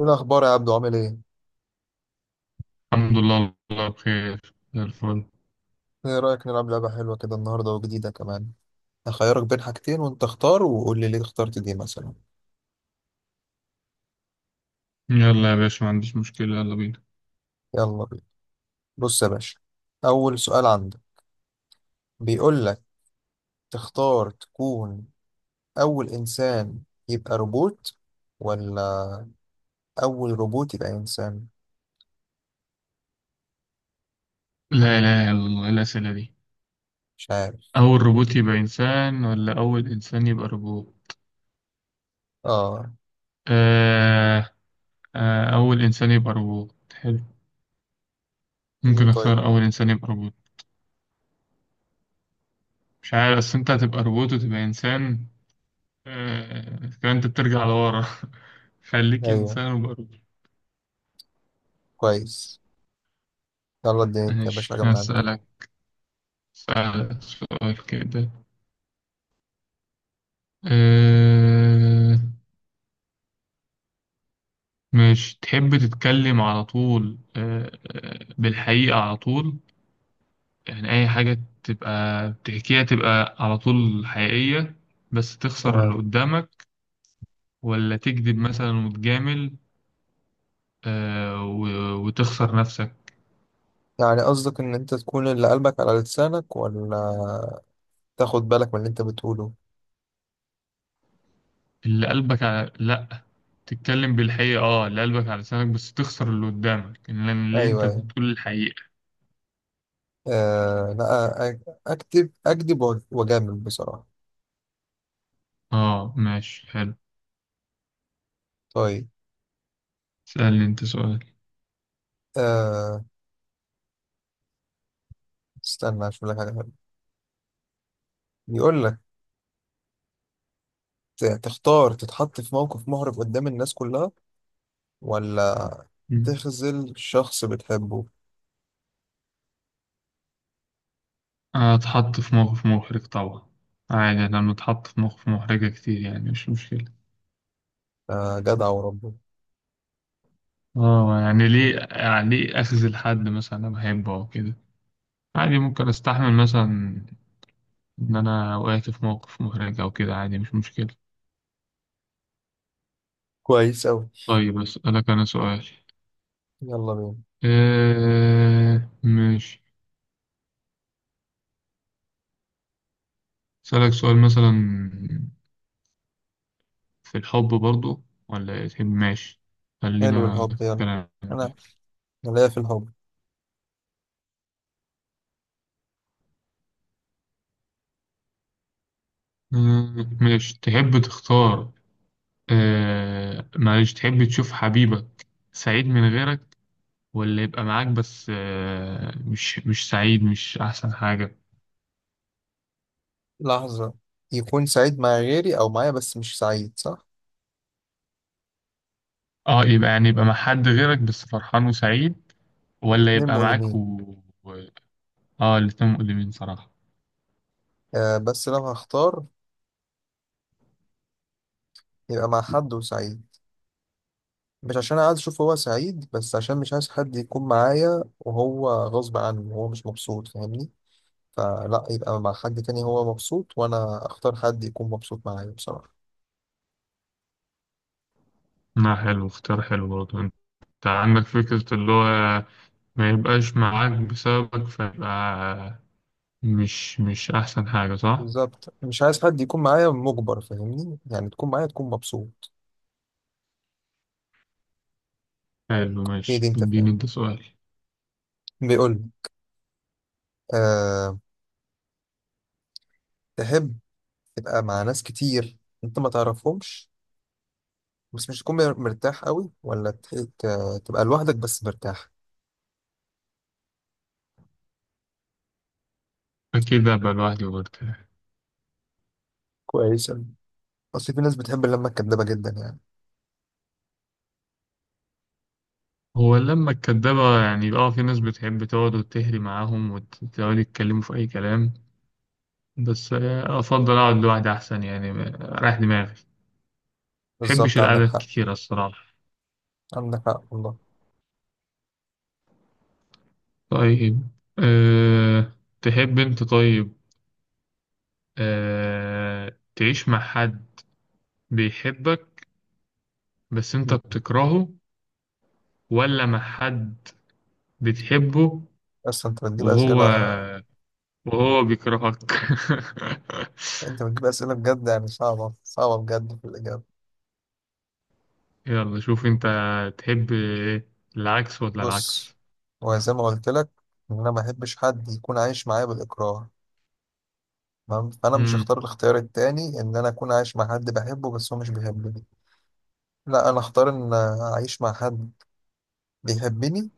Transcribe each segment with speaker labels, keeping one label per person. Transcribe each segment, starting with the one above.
Speaker 1: ايه الاخبار يا عبدو؟ عامل ايه؟
Speaker 2: الحمد لله، الله بخير زي الفل.
Speaker 1: ايه رايك نلعب لعبه حلوه كده النهارده وجديده كمان؟ هخيرك بين حاجتين وانت اختار وقول لي ليه اخترت دي مثلا.
Speaker 2: يلا يا باشا، ما عنديش مشكلة، يلا بينا.
Speaker 1: يلا بينا. بص يا باشا، اول سؤال عندك، بيقول لك تختار تكون اول انسان يبقى روبوت، ولا اول روبوت يبقى انسان؟
Speaker 2: لا لا، يلا الله، إيه الأسئلة دي؟
Speaker 1: مش عارف.
Speaker 2: أول روبوت يبقى إنسان ولا أول إنسان يبقى روبوت؟
Speaker 1: اه.
Speaker 2: آه، آه، أول إنسان يبقى روبوت حلو.
Speaker 1: ليه
Speaker 2: ممكن
Speaker 1: طيب؟
Speaker 2: أختار أول إنسان يبقى روبوت. مش عارف، أصل أنت هتبقى روبوت وتبقى إنسان. فأنت بترجع لورا. خليك
Speaker 1: ايوه،
Speaker 2: إنسان وبقى روبوت.
Speaker 1: كويس. يلا اديني انت يا باشا
Speaker 2: ماشي،
Speaker 1: حاجه من عندي.
Speaker 2: هسألك سؤال كده. آه مش تحب تتكلم على طول، بالحقيقة على طول؟ يعني أي حاجة تبقى بتحكيها تبقى على طول حقيقية، بس تخسر اللي
Speaker 1: تمام.
Speaker 2: قدامك، ولا تكذب مثلا وتجامل وتخسر نفسك؟
Speaker 1: يعني قصدك ان انت تكون اللي قلبك على لسانك، ولا تاخد بالك من اللي انت بتقوله؟
Speaker 2: اللي قلبك على، لأ، تتكلم بالحقيقة، اللي قلبك على لسانك، بس تخسر اللي قدامك، لأن اللي انت
Speaker 1: ايوه، أيوه.
Speaker 2: بتقول الحقيقة.
Speaker 1: آه لا، أ- أكتب أكذب وأجامل بصراحة.
Speaker 2: اه، ماشي، حلو،
Speaker 1: طيب.
Speaker 2: اسألني انت سؤال.
Speaker 1: آه، استنى أشوف لك حاجة حلوة. بيقول لك تختار تتحط في موقف محرج قدام الناس كلها، ولا تخذل شخص بتحبه؟
Speaker 2: اتحط في موقف محرج طبعا. عادي، أنا لما اتحط في موقف محرجة كتير، يعني مش مشكلة.
Speaker 1: آه جدع وربه.
Speaker 2: اه، يعني ليه أخذ الحد مثلا أنا بحبه أو كده. عادي ممكن أستحمل مثلا إن أنا وقعت في موقف محرج أو كده، عادي، مش مشكلة.
Speaker 1: كويس أوي.
Speaker 2: طيب أسألك أنا سؤال.
Speaker 1: يلا بينا.
Speaker 2: إيه، ماشي، أسألك سؤال مثلا في الحب برضو، ولا إيه؟ تحب ماشي،
Speaker 1: حلو،
Speaker 2: خلينا في
Speaker 1: الحب، يلا.
Speaker 2: الكلام
Speaker 1: أنا،
Speaker 2: ده.
Speaker 1: أنا ليا في الحب.
Speaker 2: ماشي، تحب تختار. معلش، تحب تشوف حبيبك سعيد من غيرك، ولا يبقى معاك بس مش سعيد، مش أحسن حاجة؟
Speaker 1: لحظة، يكون سعيد مع غيري أو معايا بس مش سعيد، صح؟
Speaker 2: اه، يبقى، يعني يبقى مع
Speaker 1: مم.
Speaker 2: حد غيرك بس فرحان وسعيد، ولا
Speaker 1: الاتنين
Speaker 2: يبقى معاك
Speaker 1: مؤلمين.
Speaker 2: و... اه، الاتنين مؤلمين صراحة.
Speaker 1: آه بس لو هختار، يبقى مع حد وسعيد، مش عشان عايز اشوف هو سعيد، بس عشان مش عايز حد يكون معايا وهو غصب عنه وهو مش مبسوط، فاهمني؟ فلا يبقى مع حد تاني هو مبسوط، وانا اختار حد يكون مبسوط معايا بصراحة.
Speaker 2: لا، حلو، اختيار حلو برضه. انت عندك فكرة، اللي هو ما يبقاش معاك بسببك، فيبقى مش أحسن حاجة، صح؟
Speaker 1: بالظبط، مش عايز حد يكون معايا مجبر، فاهمني؟ يعني تكون معايا تكون مبسوط.
Speaker 2: حلو،
Speaker 1: هي دي،
Speaker 2: ماشي،
Speaker 1: انت
Speaker 2: اديني
Speaker 1: فاهم.
Speaker 2: انت سؤال.
Speaker 1: بيقول لي أه، تحب تبقى مع ناس كتير انت ما تعرفهمش بس مش تكون مرتاح قوي، ولا تبقى لوحدك بس مرتاح؟
Speaker 2: أكيد أبقى لوحدي برضه.
Speaker 1: كويس أوي. اصل في ناس بتحب اللمة الكدابة جدا يعني.
Speaker 2: هو اللمة الكدابة، يعني اه في ناس بتحب تقعد وتهري معاهم وتقعدوا يتكلموا في أي كلام، بس أفضل أقعد لوحدي أحسن، يعني رايح دماغي. مبحبش
Speaker 1: بالظبط، عندك
Speaker 2: القعدة
Speaker 1: حق.
Speaker 2: الكتيرة الصراحة.
Speaker 1: عندك حق والله.
Speaker 2: طيب، أه تحب أنت؟ طيب، تعيش مع حد بيحبك بس أنت
Speaker 1: مم.
Speaker 2: بتكرهه، ولا مع حد بتحبه
Speaker 1: بس انت بتجيب
Speaker 2: وهو
Speaker 1: اسئله،
Speaker 2: وهو بيكرهك؟
Speaker 1: انت بتجيب اسئله بجد يعني، صعبه صعبه بجد في الاجابه.
Speaker 2: يلا، شوف انت، تحب العكس ولا
Speaker 1: بص،
Speaker 2: العكس؟
Speaker 1: هو زي ما قلت لك، ان انا ما احبش حد يكون عايش معايا بالاكراه، تمام؟ فانا مش
Speaker 2: امم.
Speaker 1: هختار الاختيار التاني ان انا اكون عايش مع حد بحبه بس هو مش بيحبني. لا، انا اختار ان اعيش مع حد بيحبني،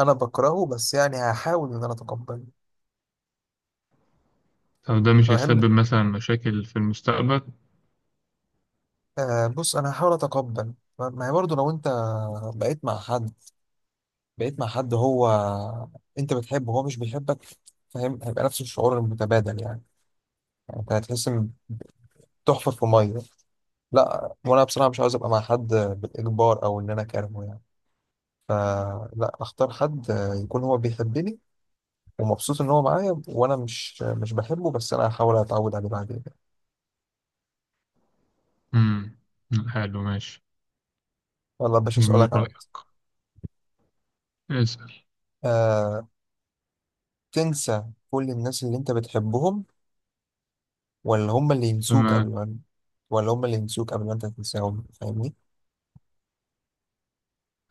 Speaker 1: انا بكرهه بس يعني هحاول ان انا اتقبله.
Speaker 2: طب ده مش
Speaker 1: انا بحب،
Speaker 2: هيسبب مثلا مشاكل في المستقبل؟
Speaker 1: آه بص انا هحاول اتقبل. ما هي برضه، لو انت بقيت مع حد، بقيت مع حد هو انت بتحبه وهو مش بيحبك، فاهم؟ هيبقى نفس الشعور المتبادل يعني. يعني انت هتحس ان تحفر في ميه. لا، وانا بصراحه مش عاوز ابقى مع حد بالاجبار او ان انا كارهه يعني. فلا، اختار حد يكون هو بيحبني ومبسوط ان هو معايا، وانا مش بحبه بس انا هحاول اتعود عليه بعدين.
Speaker 2: امم. حلو، ماشي،
Speaker 1: والله يا باشا
Speaker 2: جميل
Speaker 1: اسالك عن،
Speaker 2: رأيك، اسأل.
Speaker 1: آه، تنسى كل الناس اللي انت بتحبهم، ولا هم اللي ينسوك
Speaker 2: تمام.
Speaker 1: قبل ما، ولا هم اللي ينسوك قبل ما انت تنساهم، فاهمني؟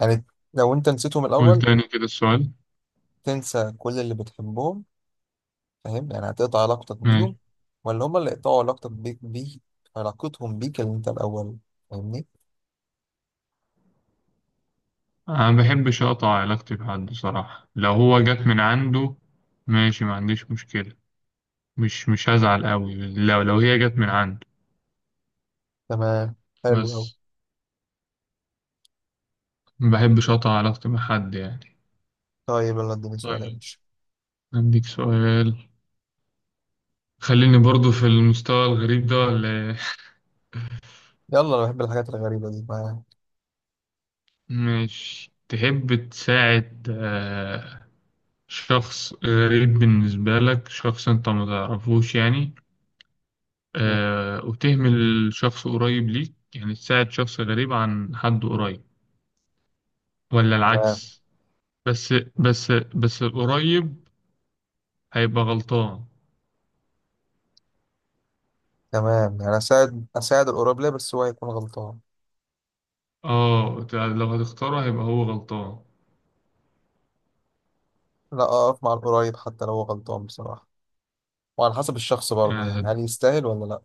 Speaker 1: يعني لو انت نسيتهم
Speaker 2: قول
Speaker 1: الاول،
Speaker 2: تاني كده السؤال.
Speaker 1: تنسى كل اللي بتحبهم، فاهم؟ يعني هتقطع علاقتك بيهم،
Speaker 2: ماشي.
Speaker 1: ولا هما اللي يقطعوا علاقتك بيك بيه، علاقتهم بيك اللي انت الاول، فاهمني؟
Speaker 2: انا ما بحبش اقطع علاقتي بحد صراحة، لو هو جت من عنده ماشي، ما عنديش مشكلة، مش هزعل قوي لو هي جت من عنده.
Speaker 1: تمام، حلو قوي.
Speaker 2: بس ما بحبش اقطع علاقتي مع حد يعني.
Speaker 1: طيب يلا اديني سؤال يا
Speaker 2: طيب،
Speaker 1: باشا.
Speaker 2: عندك سؤال، خليني برضو في المستوى الغريب ده، ولا إيه؟
Speaker 1: يلا انا بحب الحاجات الغريبه دي ما.
Speaker 2: مش تحب تساعد شخص غريب بالنسبة لك، شخص انت ما تعرفوش، يعني وتهمل شخص قريب ليك؟ يعني تساعد شخص غريب عن حد قريب، ولا
Speaker 1: تمام.
Speaker 2: العكس؟ بس، بس القريب هيبقى غلطان.
Speaker 1: تمام، يعني اساعد القريب ليه بس هو هيكون غلطان؟
Speaker 2: اه، لو هتختاره هيبقى هو غلطان.
Speaker 1: لا، اقف مع القريب حتى لو هو غلطان بصراحه، وعلى حسب الشخص برضه
Speaker 2: يعني
Speaker 1: يعني،
Speaker 2: هت-
Speaker 1: هل يستاهل ولا لا.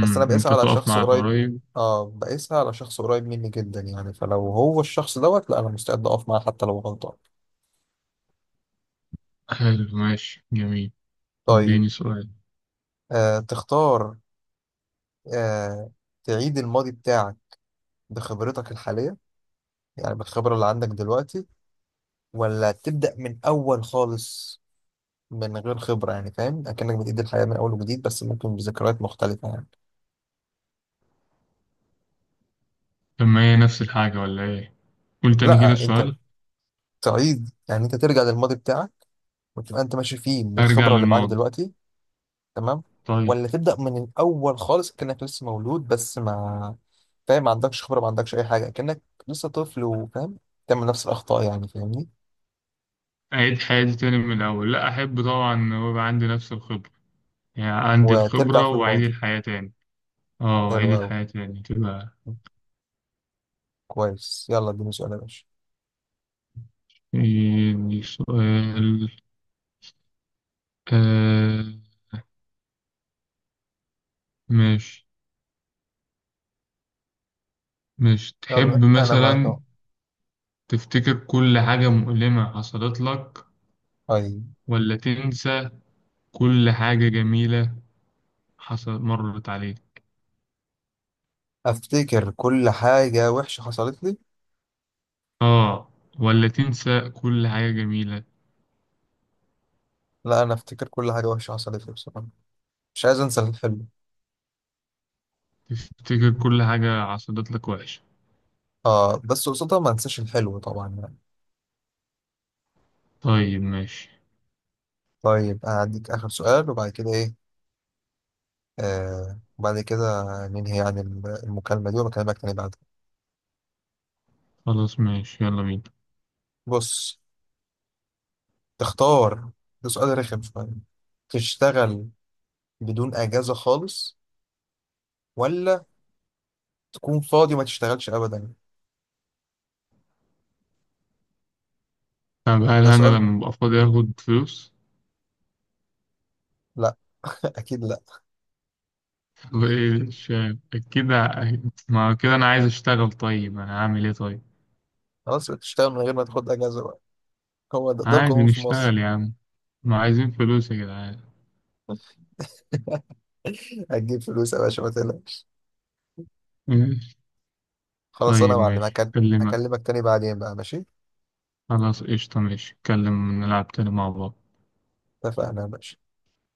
Speaker 1: بس انا بقيسها
Speaker 2: انت
Speaker 1: على
Speaker 2: تقف
Speaker 1: شخص
Speaker 2: مع
Speaker 1: قريب،
Speaker 2: القريب.
Speaker 1: اه بقيسها على شخص قريب مني جدا يعني، فلو هو الشخص دوت، لا انا مستعد اقف معاه حتى لو غلطان.
Speaker 2: حلو، ماشي، جميل،
Speaker 1: طيب.
Speaker 2: اديني سؤال.
Speaker 1: آه تختار، آه، تعيد الماضي بتاعك بخبرتك الحالية، يعني بالخبرة اللي عندك دلوقتي، ولا تبدأ من أول خالص من غير خبرة، يعني فاهم أكنك بتعيد الحياة من أول وجديد بس ممكن بذكريات مختلفة يعني.
Speaker 2: طب ما هي نفس الحاجة، ولا ايه؟ قول تاني كده
Speaker 1: لا أنت
Speaker 2: السؤال.
Speaker 1: تعيد، يعني أنت ترجع للماضي بتاعك وتبقى أنت ماشي فيه
Speaker 2: ارجع
Speaker 1: بالخبرة اللي معاك
Speaker 2: للماضي.
Speaker 1: دلوقتي. تمام.
Speaker 2: طيب،
Speaker 1: ولا تبدأ من الأول خالص كأنك لسه مولود، بس ما فاهم، ما عندكش خبرة، ما عندكش أي حاجة، كأنك لسه طفل وفاهم تعمل نفس الأخطاء يعني، فاهمني؟
Speaker 2: اعيد حياتي تاني من الاول، لا احب طبعا، ويبقى عندي نفس الخبره، يعني عندي
Speaker 1: وترجع
Speaker 2: الخبره
Speaker 1: في
Speaker 2: واعيد
Speaker 1: الماضي.
Speaker 2: الحياه تاني. اه،
Speaker 1: حلو
Speaker 2: اعيد
Speaker 1: أوي،
Speaker 2: الحياه تاني تبقى.
Speaker 1: كويس. يلا اديني سؤال يا باشا.
Speaker 2: إيه سؤال؟ آه ماشي، مش
Speaker 1: يلا
Speaker 2: تحب
Speaker 1: أنا معاك
Speaker 2: مثلا
Speaker 1: أهو.
Speaker 2: تفتكر كل حاجه مؤلمه حصلت لك،
Speaker 1: طيب.
Speaker 2: ولا تنسى كل حاجه جميله حصل مرت عليك؟
Speaker 1: أفتكر كل حاجة وحشة حصلت لي.
Speaker 2: اه، ولا تنسى كل حاجه جميله،
Speaker 1: لا، أنا أفتكر كل حاجة وحشة حصلت لي بصراحة، مش عايز أنسى الحلو.
Speaker 2: تفتكر كل حاجه حصلت لك وحشه.
Speaker 1: آه بس قصادها ما أنساش الحلو طبعا يعني.
Speaker 2: طيب، ماشي.
Speaker 1: طيب، أديك آخر سؤال وبعد كده إيه، آه وبعد كده ننهي يعني المكالمة دي وبكلمك تاني بعدها.
Speaker 2: خلاص ماشي، يلا بينا.
Speaker 1: بص، تختار، ده سؤال رخم شوية، تشتغل بدون أجازة خالص، ولا تكون فاضي وما تشتغلش أبدا؟
Speaker 2: طب هل
Speaker 1: ده
Speaker 2: أنا
Speaker 1: سؤال.
Speaker 2: لما أبقى فاضي آخد فلوس؟
Speaker 1: لا. أكيد لا.
Speaker 2: وإيه مش عارف. أكيد ما هو كده، أنا عايز أشتغل، طيب أنا هعمل إيه طيب؟
Speaker 1: خلاص يبقى تشتغل من غير ما تاخد أجازة بقى. هو ده,
Speaker 2: عادي
Speaker 1: القانون في مصر.
Speaker 2: نشتغل يا عم، ما عايزين فلوس يا جدعان.
Speaker 1: هتجيب فلوس يا باشا ما تقلقش.
Speaker 2: ماشي.
Speaker 1: خلاص أنا
Speaker 2: طيب
Speaker 1: يا معلم
Speaker 2: ماشي،
Speaker 1: هكل-
Speaker 2: أكلمك.
Speaker 1: هكلمك تاني بعدين بقى، ماشي.
Speaker 2: خلاص، قشطة، ماشي، نتكلم نلعب تاني مع بعض.
Speaker 1: اتفقنا يا باشا.